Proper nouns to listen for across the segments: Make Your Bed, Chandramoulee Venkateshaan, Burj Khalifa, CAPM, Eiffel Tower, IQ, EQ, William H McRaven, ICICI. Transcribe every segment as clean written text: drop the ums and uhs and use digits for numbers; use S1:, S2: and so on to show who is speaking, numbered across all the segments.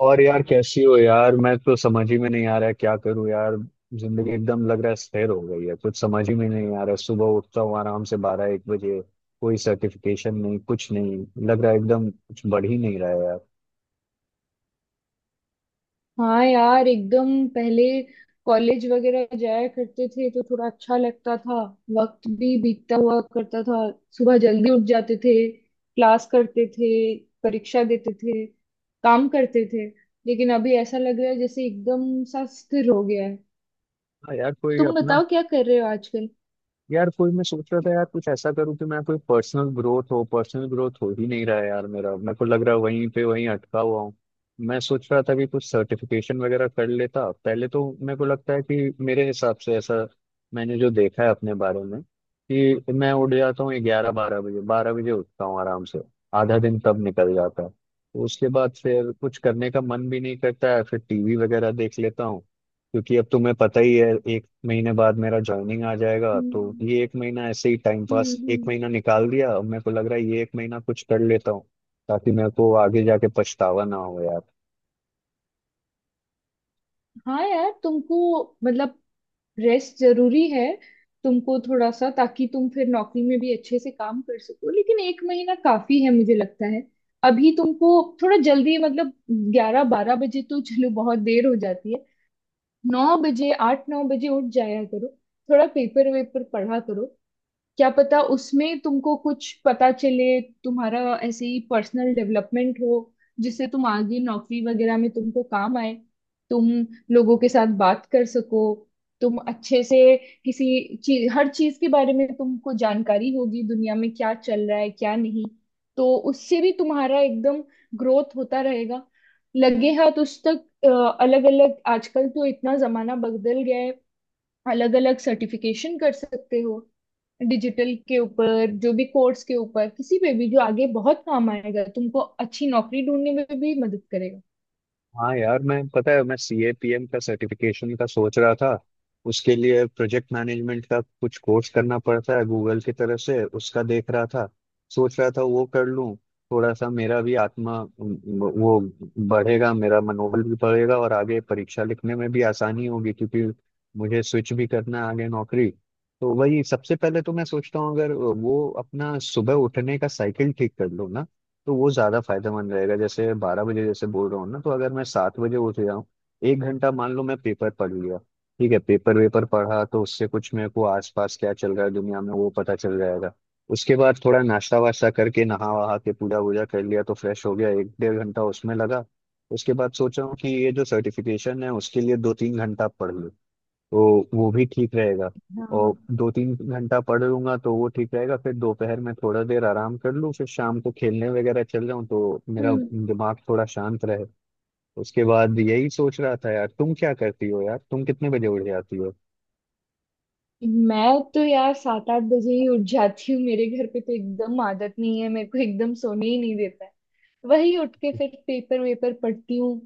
S1: और यार, कैसी हो यार। मैं तो समझ ही में नहीं आ रहा है क्या करूं यार। जिंदगी एकदम लग रहा है स्थिर हो गई है, कुछ समझ ही में नहीं आ रहा है। सुबह उठता हूँ आराम से बारह एक बजे। कोई सर्टिफिकेशन नहीं, कुछ नहीं। लग रहा है एकदम कुछ बढ़ ही नहीं रहा है यार।
S2: हाँ यार, एकदम पहले कॉलेज वगैरह जाया करते थे तो थोड़ा अच्छा लगता था। वक्त भी बीतता हुआ करता था। सुबह जल्दी उठ जाते थे, क्लास करते थे, परीक्षा देते थे, काम करते थे। लेकिन अभी ऐसा लग रहा है जैसे एकदम सा स्थिर हो गया है।
S1: हाँ यार, कोई
S2: तुम
S1: अपना।
S2: बताओ क्या कर रहे हो आजकल?
S1: यार कोई, मैं सोच रहा था यार कुछ ऐसा करूँ कि मैं कोई पर्सनल ग्रोथ हो ही नहीं रहा है यार मेरा। मेरे को लग रहा है वहीं पे वहीं अटका हुआ हूँ। मैं सोच रहा था कि कुछ सर्टिफिकेशन वगैरह कर लेता पहले। तो मेरे को लगता है कि मेरे हिसाब से ऐसा, मैंने जो देखा है अपने बारे में, कि मैं उठ जाता हूँ ग्यारह बारह बजे उठता हूँ आराम से। आधा दिन तब निकल जाता है, तो उसके बाद फिर कुछ करने का मन भी नहीं करता है, फिर टीवी वगैरह देख लेता हूँ। क्योंकि अब तुम्हें पता ही है, एक महीने बाद मेरा ज्वाइनिंग आ जाएगा। तो
S2: हम्म।
S1: ये एक महीना ऐसे ही टाइम
S2: हम्म।
S1: पास, एक
S2: हम्म।
S1: महीना निकाल दिया। अब मेरे को लग रहा है ये एक महीना कुछ कर लेता हूँ, ताकि मेरे को आगे जाके पछतावा ना हो।
S2: हाँ यार, तुमको मतलब रेस्ट जरूरी है। तुमको थोड़ा सा, ताकि तुम फिर नौकरी में भी अच्छे से काम कर सको, लेकिन एक महीना काफी है मुझे लगता है। अभी तुमको थोड़ा जल्दी, मतलब ग्यारह बारह बजे तो चलो बहुत देर हो जाती है। नौ बजे आठ नौ बजे उठ जाया करो। थोड़ा पेपर वेपर पढ़ा करो, क्या पता उसमें तुमको कुछ पता चले, तुम्हारा ऐसे ही पर्सनल डेवलपमेंट हो, जिससे तुम आगे नौकरी वगैरह में तुमको काम आए, तुम लोगों के साथ बात कर सको, तुम अच्छे से किसी चीज हर चीज के बारे में तुमको जानकारी होगी, दुनिया में क्या चल रहा है क्या नहीं। तो उससे भी तुम्हारा एकदम ग्रोथ होता रहेगा। लगे हाथ उस तक अलग अलग, आजकल तो इतना जमाना बदल गया है, अलग अलग सर्टिफिकेशन कर सकते हो, डिजिटल के ऊपर जो भी कोर्स के ऊपर किसी पे भी, जो आगे बहुत काम आएगा तुमको, अच्छी नौकरी ढूंढने में भी मदद करेगा।
S1: हाँ यार, मैं पता है, मैं CAPM का सर्टिफिकेशन का सोच रहा था। उसके लिए प्रोजेक्ट मैनेजमेंट का कुछ कोर्स करना पड़ता है, गूगल की तरफ से उसका देख रहा था। सोच रहा था वो कर लूँ। थोड़ा सा मेरा भी आत्मा, वो बढ़ेगा, मेरा मनोबल भी बढ़ेगा और आगे परीक्षा लिखने में भी आसानी होगी, क्योंकि मुझे स्विच भी करना है आगे नौकरी। तो वही सबसे पहले तो मैं सोचता हूँ, अगर वो अपना सुबह उठने का साइकिल ठीक कर लो ना, तो वो ज्यादा फायदेमंद रहेगा। जैसे बारह बजे जैसे बोल रहा हूँ ना, तो अगर मैं 7 बजे उठ जाऊँ, एक घंटा मान लो मैं पेपर पढ़ लिया। ठीक है, पेपर वेपर पढ़ा तो उससे कुछ मेरे को आसपास क्या चल रहा है दुनिया में, वो पता चल जाएगा। उसके बाद थोड़ा नाश्ता वाश्ता करके, नहा वहा के, पूजा वूजा कर लिया तो फ्रेश हो गया, एक डेढ़ घंटा उसमें लगा। उसके बाद सोचा हूँ कि ये जो सर्टिफिकेशन है, उसके लिए दो तीन घंटा पढ़ लूँ तो वो भी ठीक रहेगा। और
S2: हाँ।
S1: दो तीन घंटा पढ़ लूंगा तो वो ठीक रहेगा। फिर दोपहर में थोड़ा देर आराम कर लूँ, फिर शाम को खेलने वगैरह चल जाऊँ तो मेरा
S2: हम्म।
S1: दिमाग थोड़ा शांत रहे। उसके बाद यही सोच रहा था यार, तुम क्या करती हो यार, तुम कितने बजे उठ जाती हो।
S2: मैं तो यार सात आठ बजे ही उठ जाती हूँ, मेरे घर पे तो एकदम आदत नहीं है, मेरे को एकदम सोने ही नहीं देता है। वही उठ के फिर पेपर वेपर पढ़ती हूँ।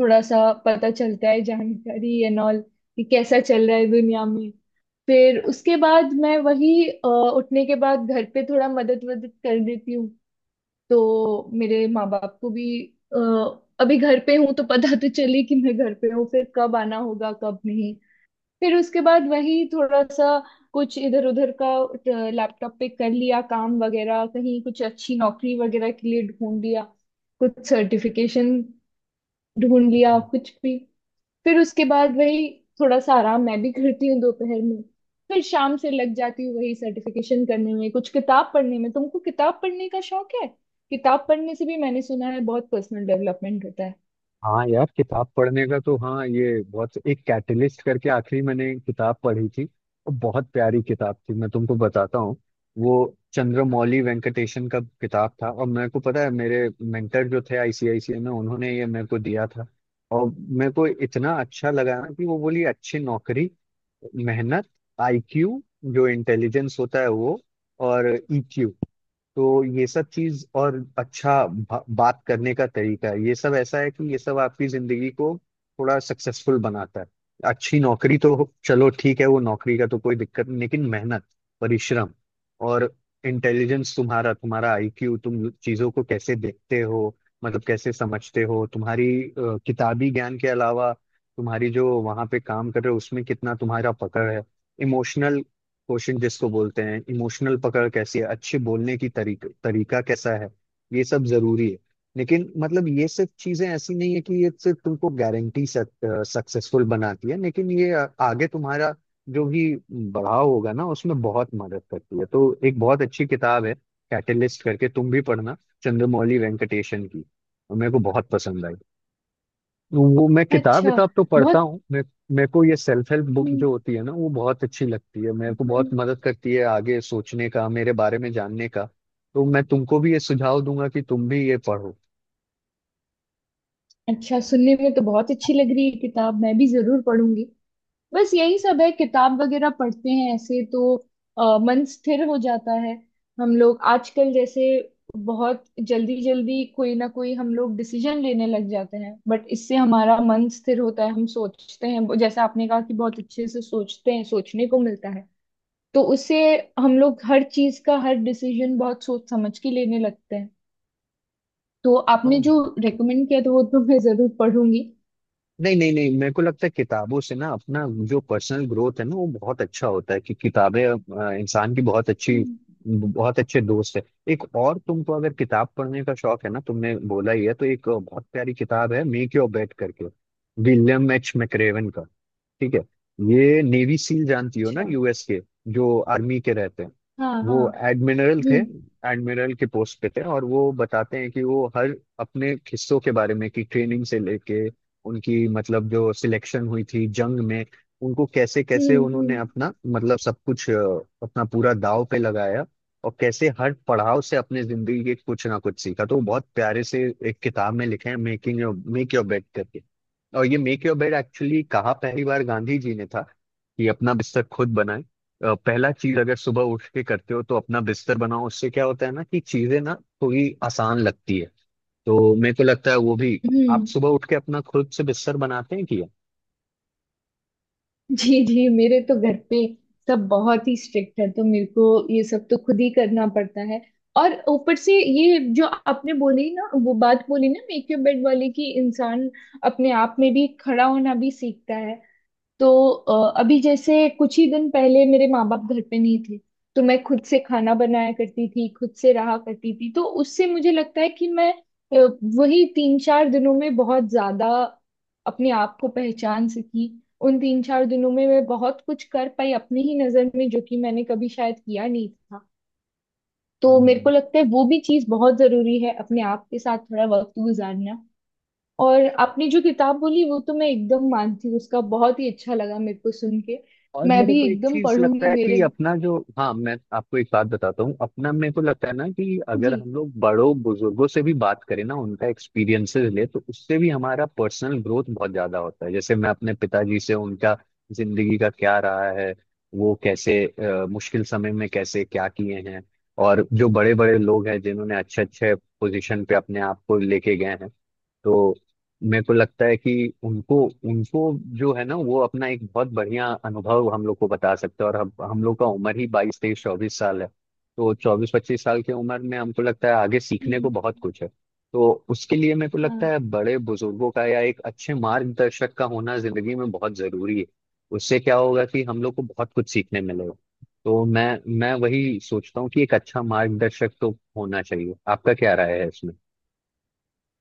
S2: थोड़ा सा पता चलता है, जानकारी एंड ऑल कि कैसा चल रहा है दुनिया में। फिर उसके बाद मैं वही उठने के बाद घर पे थोड़ा मदद वदद कर देती हूँ, तो मेरे माँ बाप को भी अ, अभी घर पे हूँ तो पता तो चले कि मैं घर पे हूँ, फिर कब आना होगा कब नहीं। फिर उसके बाद वही थोड़ा सा कुछ इधर उधर का लैपटॉप पे कर लिया, काम वगैरह कहीं कुछ अच्छी नौकरी वगैरह के लिए ढूंढ लिया, कुछ सर्टिफिकेशन ढूंढ लिया कुछ भी। फिर उसके बाद वही थोड़ा सा आराम मैं भी करती हूँ दोपहर में। फिर शाम से लग जाती हूँ वही सर्टिफिकेशन करने में, कुछ किताब पढ़ने में। तुमको किताब पढ़ने का शौक है? किताब पढ़ने से भी मैंने सुना है बहुत पर्सनल डेवलपमेंट होता है।
S1: हाँ यार, किताब पढ़ने का तो, हाँ ये बहुत एक कैटलिस्ट करके आखिरी मैंने किताब पढ़ी थी, और बहुत प्यारी किताब थी, मैं तुमको बताता हूँ। वो चंद्रमौली वेंकटेशन का किताब था, और मेरे को पता है, मेरे मेंटर जो थे ICICI में, उन्होंने ये मेरे को दिया था। और मेरे को इतना अच्छा लगा ना, कि वो बोली अच्छी नौकरी, मेहनत, IQ, जो इंटेलिजेंस होता है वो, और EQ। तो ये सब चीज, और अच्छा बात करने का तरीका है। ये सब ऐसा है कि ये सब आपकी जिंदगी को थोड़ा सक्सेसफुल बनाता है। अच्छी नौकरी तो चलो ठीक है, वो नौकरी का तो कोई दिक्कत नहीं, लेकिन मेहनत, परिश्रम, और इंटेलिजेंस, तुम्हारा तुम्हारा IQ, तुम चीजों को कैसे देखते हो, मतलब कैसे समझते हो। तुम्हारी किताबी ज्ञान के अलावा, तुम्हारी जो वहां पे काम कर रहे हो उसमें कितना तुम्हारा पकड़ है। इमोशनल क्वेश्चन जिसको बोलते हैं, इमोशनल पकड़ कैसी है, अच्छे बोलने की तरीका कैसा है। ये सब जरूरी है। लेकिन मतलब ये सब चीजें ऐसी नहीं है कि ये सिर्फ तुमको गारंटी सक्सेसफुल बनाती है, लेकिन ये आगे तुम्हारा जो भी बढ़ाव होगा ना उसमें बहुत मदद करती है। तो एक बहुत अच्छी किताब है कैटलिस्ट करके, तुम भी पढ़ना, चंद्रमौली वेंकटेशन की। मेरे को बहुत पसंद आई। वो मैं किताब
S2: अच्छा।
S1: विताब तो पढ़ता
S2: बहुत।
S1: हूँ मैं। मेरे को ये सेल्फ हेल्प बुक
S2: हम्म।
S1: जो होती है ना वो बहुत अच्छी लगती है, मेरे को बहुत
S2: हम्म।
S1: मदद करती है आगे सोचने का, मेरे बारे में जानने का। तो मैं तुमको भी ये सुझाव दूंगा कि तुम भी ये पढ़ो।
S2: अच्छा, सुनने में तो बहुत अच्छी लग रही है किताब, मैं भी जरूर पढ़ूंगी। बस यही सब है, किताब वगैरह पढ़ते हैं ऐसे तो मन स्थिर हो जाता है। हम लोग आजकल जैसे बहुत जल्दी जल्दी कोई ना कोई हम लोग डिसीजन लेने लग जाते हैं, बट इससे हमारा मन स्थिर होता है, हम सोचते हैं, जैसे आपने कहा कि बहुत अच्छे से सोचते हैं, सोचने को मिलता है। तो उससे हम लोग हर चीज का हर डिसीजन बहुत सोच समझ के लेने लगते हैं। तो आपने
S1: हाँ।
S2: जो रेकमेंड किया था वो तो मैं जरूर पढ़ूंगी।
S1: नहीं नहीं नहीं, मेरे को लगता है किताबों से ना अपना जो पर्सनल ग्रोथ है ना वो बहुत अच्छा होता है, कि किताबें इंसान की बहुत अच्छी,
S2: हम्म।
S1: बहुत अच्छे दोस्त है। एक और, तुमको अगर किताब पढ़ने का शौक है ना, तुमने बोला ही है, तो एक बहुत प्यारी किताब है मेक योर बेड करके, विलियम एच मैक्रेवन का। ठीक है, ये नेवी सील जानती हो ना,
S2: अच्छा।
S1: US के जो आर्मी के रहते हैं।
S2: हाँ
S1: वो
S2: हाँ।
S1: एडमिरल थे,
S2: हम्म
S1: एडमिरल के पोस्ट पे थे। और वो बताते हैं कि वो हर अपने हिस्सों के बारे में, कि ट्रेनिंग से लेके उनकी, मतलब जो सिलेक्शन हुई थी जंग में, उनको कैसे कैसे
S2: हम्म
S1: उन्होंने
S2: हम्म
S1: अपना, मतलब सब कुछ, अपना पूरा दाव पे लगाया। और कैसे हर पड़ाव से अपने जिंदगी के कुछ ना कुछ सीखा, तो वो बहुत प्यारे से एक किताब में लिखे हैं, मेक योर बेड करके। और ये मेक योर बेड एक्चुअली कहा पहली बार गांधी जी ने था, कि अपना बिस्तर खुद बनाए। पहला चीज अगर सुबह उठ के करते हो तो अपना बिस्तर बनाओ, उससे क्या होता है ना, कि चीजें ना थोड़ी आसान लगती है। तो मेरे को लगता है वो भी, आप
S2: हम्म।
S1: सुबह उठ के अपना खुद से बिस्तर बनाते हैं
S2: जी जी, मेरे तो घर पे सब बहुत ही स्ट्रिक्ट है, तो मेरे को ये सब तो खुद ही करना पड़ता है। और ऊपर से ये जो आपने बोली ना, वो बात बोली ना मेक योर बेड वाली, कि इंसान अपने आप में भी खड़ा होना भी सीखता है। तो अभी जैसे कुछ ही दिन पहले मेरे माँ बाप घर पे नहीं थे, तो मैं खुद से खाना बनाया करती थी, खुद से रहा करती थी, तो उससे मुझे लगता है कि मैं वही तीन चार दिनों में बहुत ज्यादा अपने आप को पहचान सकी। उन तीन चार दिनों में मैं बहुत कुछ कर पाई अपनी ही नजर में, जो कि मैंने कभी शायद किया नहीं था। तो मेरे को
S1: कि।
S2: लगता है वो भी चीज बहुत जरूरी है, अपने आप के साथ थोड़ा वक्त गुजारना। और आपने जो किताब बोली वो तो मैं एकदम मानती हूँ, उसका बहुत ही अच्छा लगा मेरे को सुन के।
S1: और
S2: मैं
S1: मेरे
S2: भी
S1: को एक
S2: एकदम
S1: चीज लगता
S2: पढ़ूंगी
S1: है
S2: मेरे।
S1: कि अपना जो, हाँ मैं आपको एक बात बताता हूँ। अपना मेरे को लगता है ना कि अगर
S2: जी।
S1: हम लोग बड़ों बुजुर्गों से भी बात करें ना, उनका एक्सपीरियंसेस ले, तो उससे भी हमारा पर्सनल ग्रोथ बहुत ज्यादा होता है। जैसे मैं अपने पिताजी से, उनका जिंदगी का क्या रहा है, वो कैसे मुश्किल समय में कैसे क्या किए हैं। और जो बड़े बड़े लोग हैं जिन्होंने अच्छे अच्छे पोजीशन पे अपने आप को लेके गए हैं, तो मेरे को लगता है कि उनको उनको जो है ना, वो अपना एक बहुत बढ़िया अनुभव हम लोग को बता सकते हैं। और हम लोग का उम्र ही 22 23 24 साल है। तो 24 25 साल की उम्र में हमको लगता है आगे सीखने
S2: हम्म।
S1: को बहुत कुछ है। तो उसके लिए मेरे को लगता
S2: हाँ।
S1: है बड़े बुजुर्गों का या एक अच्छे मार्गदर्शक का होना जिंदगी में बहुत जरूरी है। उससे क्या होगा, कि हम लोग को बहुत कुछ सीखने मिलेगा। तो मैं वही सोचता हूँ कि एक अच्छा मार्गदर्शक तो होना चाहिए। आपका क्या राय है इसमें?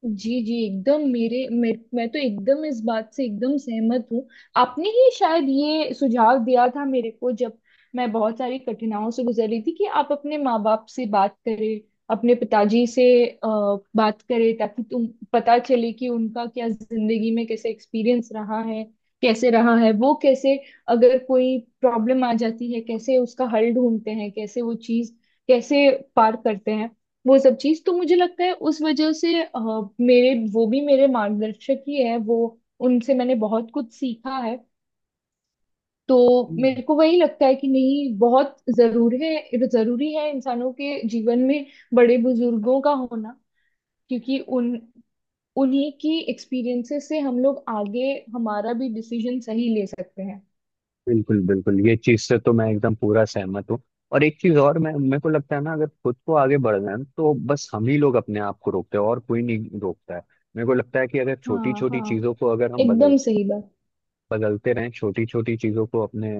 S2: जी जी एकदम, मैं तो एकदम इस बात से एकदम सहमत हूँ। आपने ही शायद ये सुझाव दिया था मेरे को, जब मैं बहुत सारी कठिनाइयों से गुजर रही थी, कि आप अपने माँ बाप से बात करें, अपने पिताजी से बात करें, ताकि तुम पता चले कि उनका क्या जिंदगी में कैसे एक्सपीरियंस रहा है, कैसे रहा है, वो कैसे अगर कोई प्रॉब्लम आ जाती है कैसे उसका हल ढूंढते हैं, कैसे वो चीज कैसे पार करते हैं। वो सब चीज तो मुझे लगता है उस वजह से मेरे वो भी मेरे मार्गदर्शक ही है वो, उनसे मैंने बहुत कुछ सीखा है। तो मेरे को वही लगता है कि नहीं, बहुत जरूर है, जरूरी है इंसानों के जीवन में बड़े बुजुर्गों का होना, क्योंकि उन उन्हीं की एक्सपीरियंसेस से हम लोग आगे हमारा भी डिसीजन सही ले सकते हैं।
S1: बिल्कुल बिल्कुल, ये चीज से तो मैं एकदम पूरा सहमत हूँ। और एक चीज और, मैं, मेरे को लगता है ना, अगर खुद को आगे बढ़ना है तो बस हम ही लोग अपने आप को रोकते हैं, और कोई नहीं रोकता है। मेरे को लगता है कि अगर छोटी
S2: हाँ
S1: छोटी
S2: हाँ,
S1: चीजों को, अगर हम
S2: एकदम
S1: बदलते,
S2: सही बात।
S1: बदलते रहें छोटी छोटी चीजों को, अपने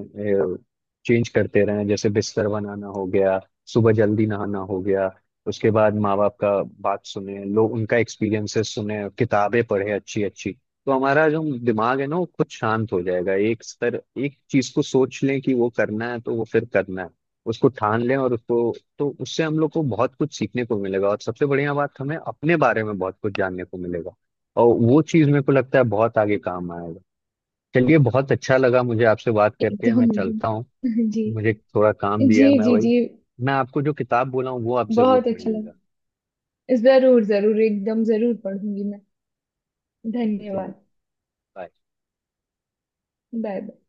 S1: चेंज करते रहें, जैसे बिस्तर बनाना हो गया, सुबह जल्दी नहाना हो गया, उसके बाद माँ बाप का बात सुने, लोग उनका एक्सपीरियंसेस सुने, किताबें पढ़े अच्छी अच्छी, तो हमारा जो दिमाग है ना वो खुद शांत हो जाएगा। एक स्तर, एक चीज को सोच लें कि वो करना है, तो वो फिर करना है, उसको ठान लें। और उसको तो उससे हम लोग को बहुत कुछ सीखने को मिलेगा, और सबसे बढ़िया बात, हमें अपने बारे में बहुत कुछ जानने को मिलेगा। और वो चीज मेरे को लगता है बहुत आगे काम आएगा। चलिए, बहुत अच्छा लगा मुझे आपसे बात करके, मैं
S2: एकदम
S1: चलता हूँ।
S2: एकदम। जी।
S1: मुझे थोड़ा काम भी
S2: जी
S1: है, मैं
S2: जी
S1: वही।
S2: जी।
S1: मैं आपको जो किताब बोला हूँ वो आप जरूर
S2: बहुत अच्छा लगा।
S1: पढ़िएगा।
S2: जरूर जरूर एकदम जरूर पढ़ूंगी मैं।
S1: ठीक है चलिए।
S2: धन्यवाद।
S1: bye।
S2: Bye bye.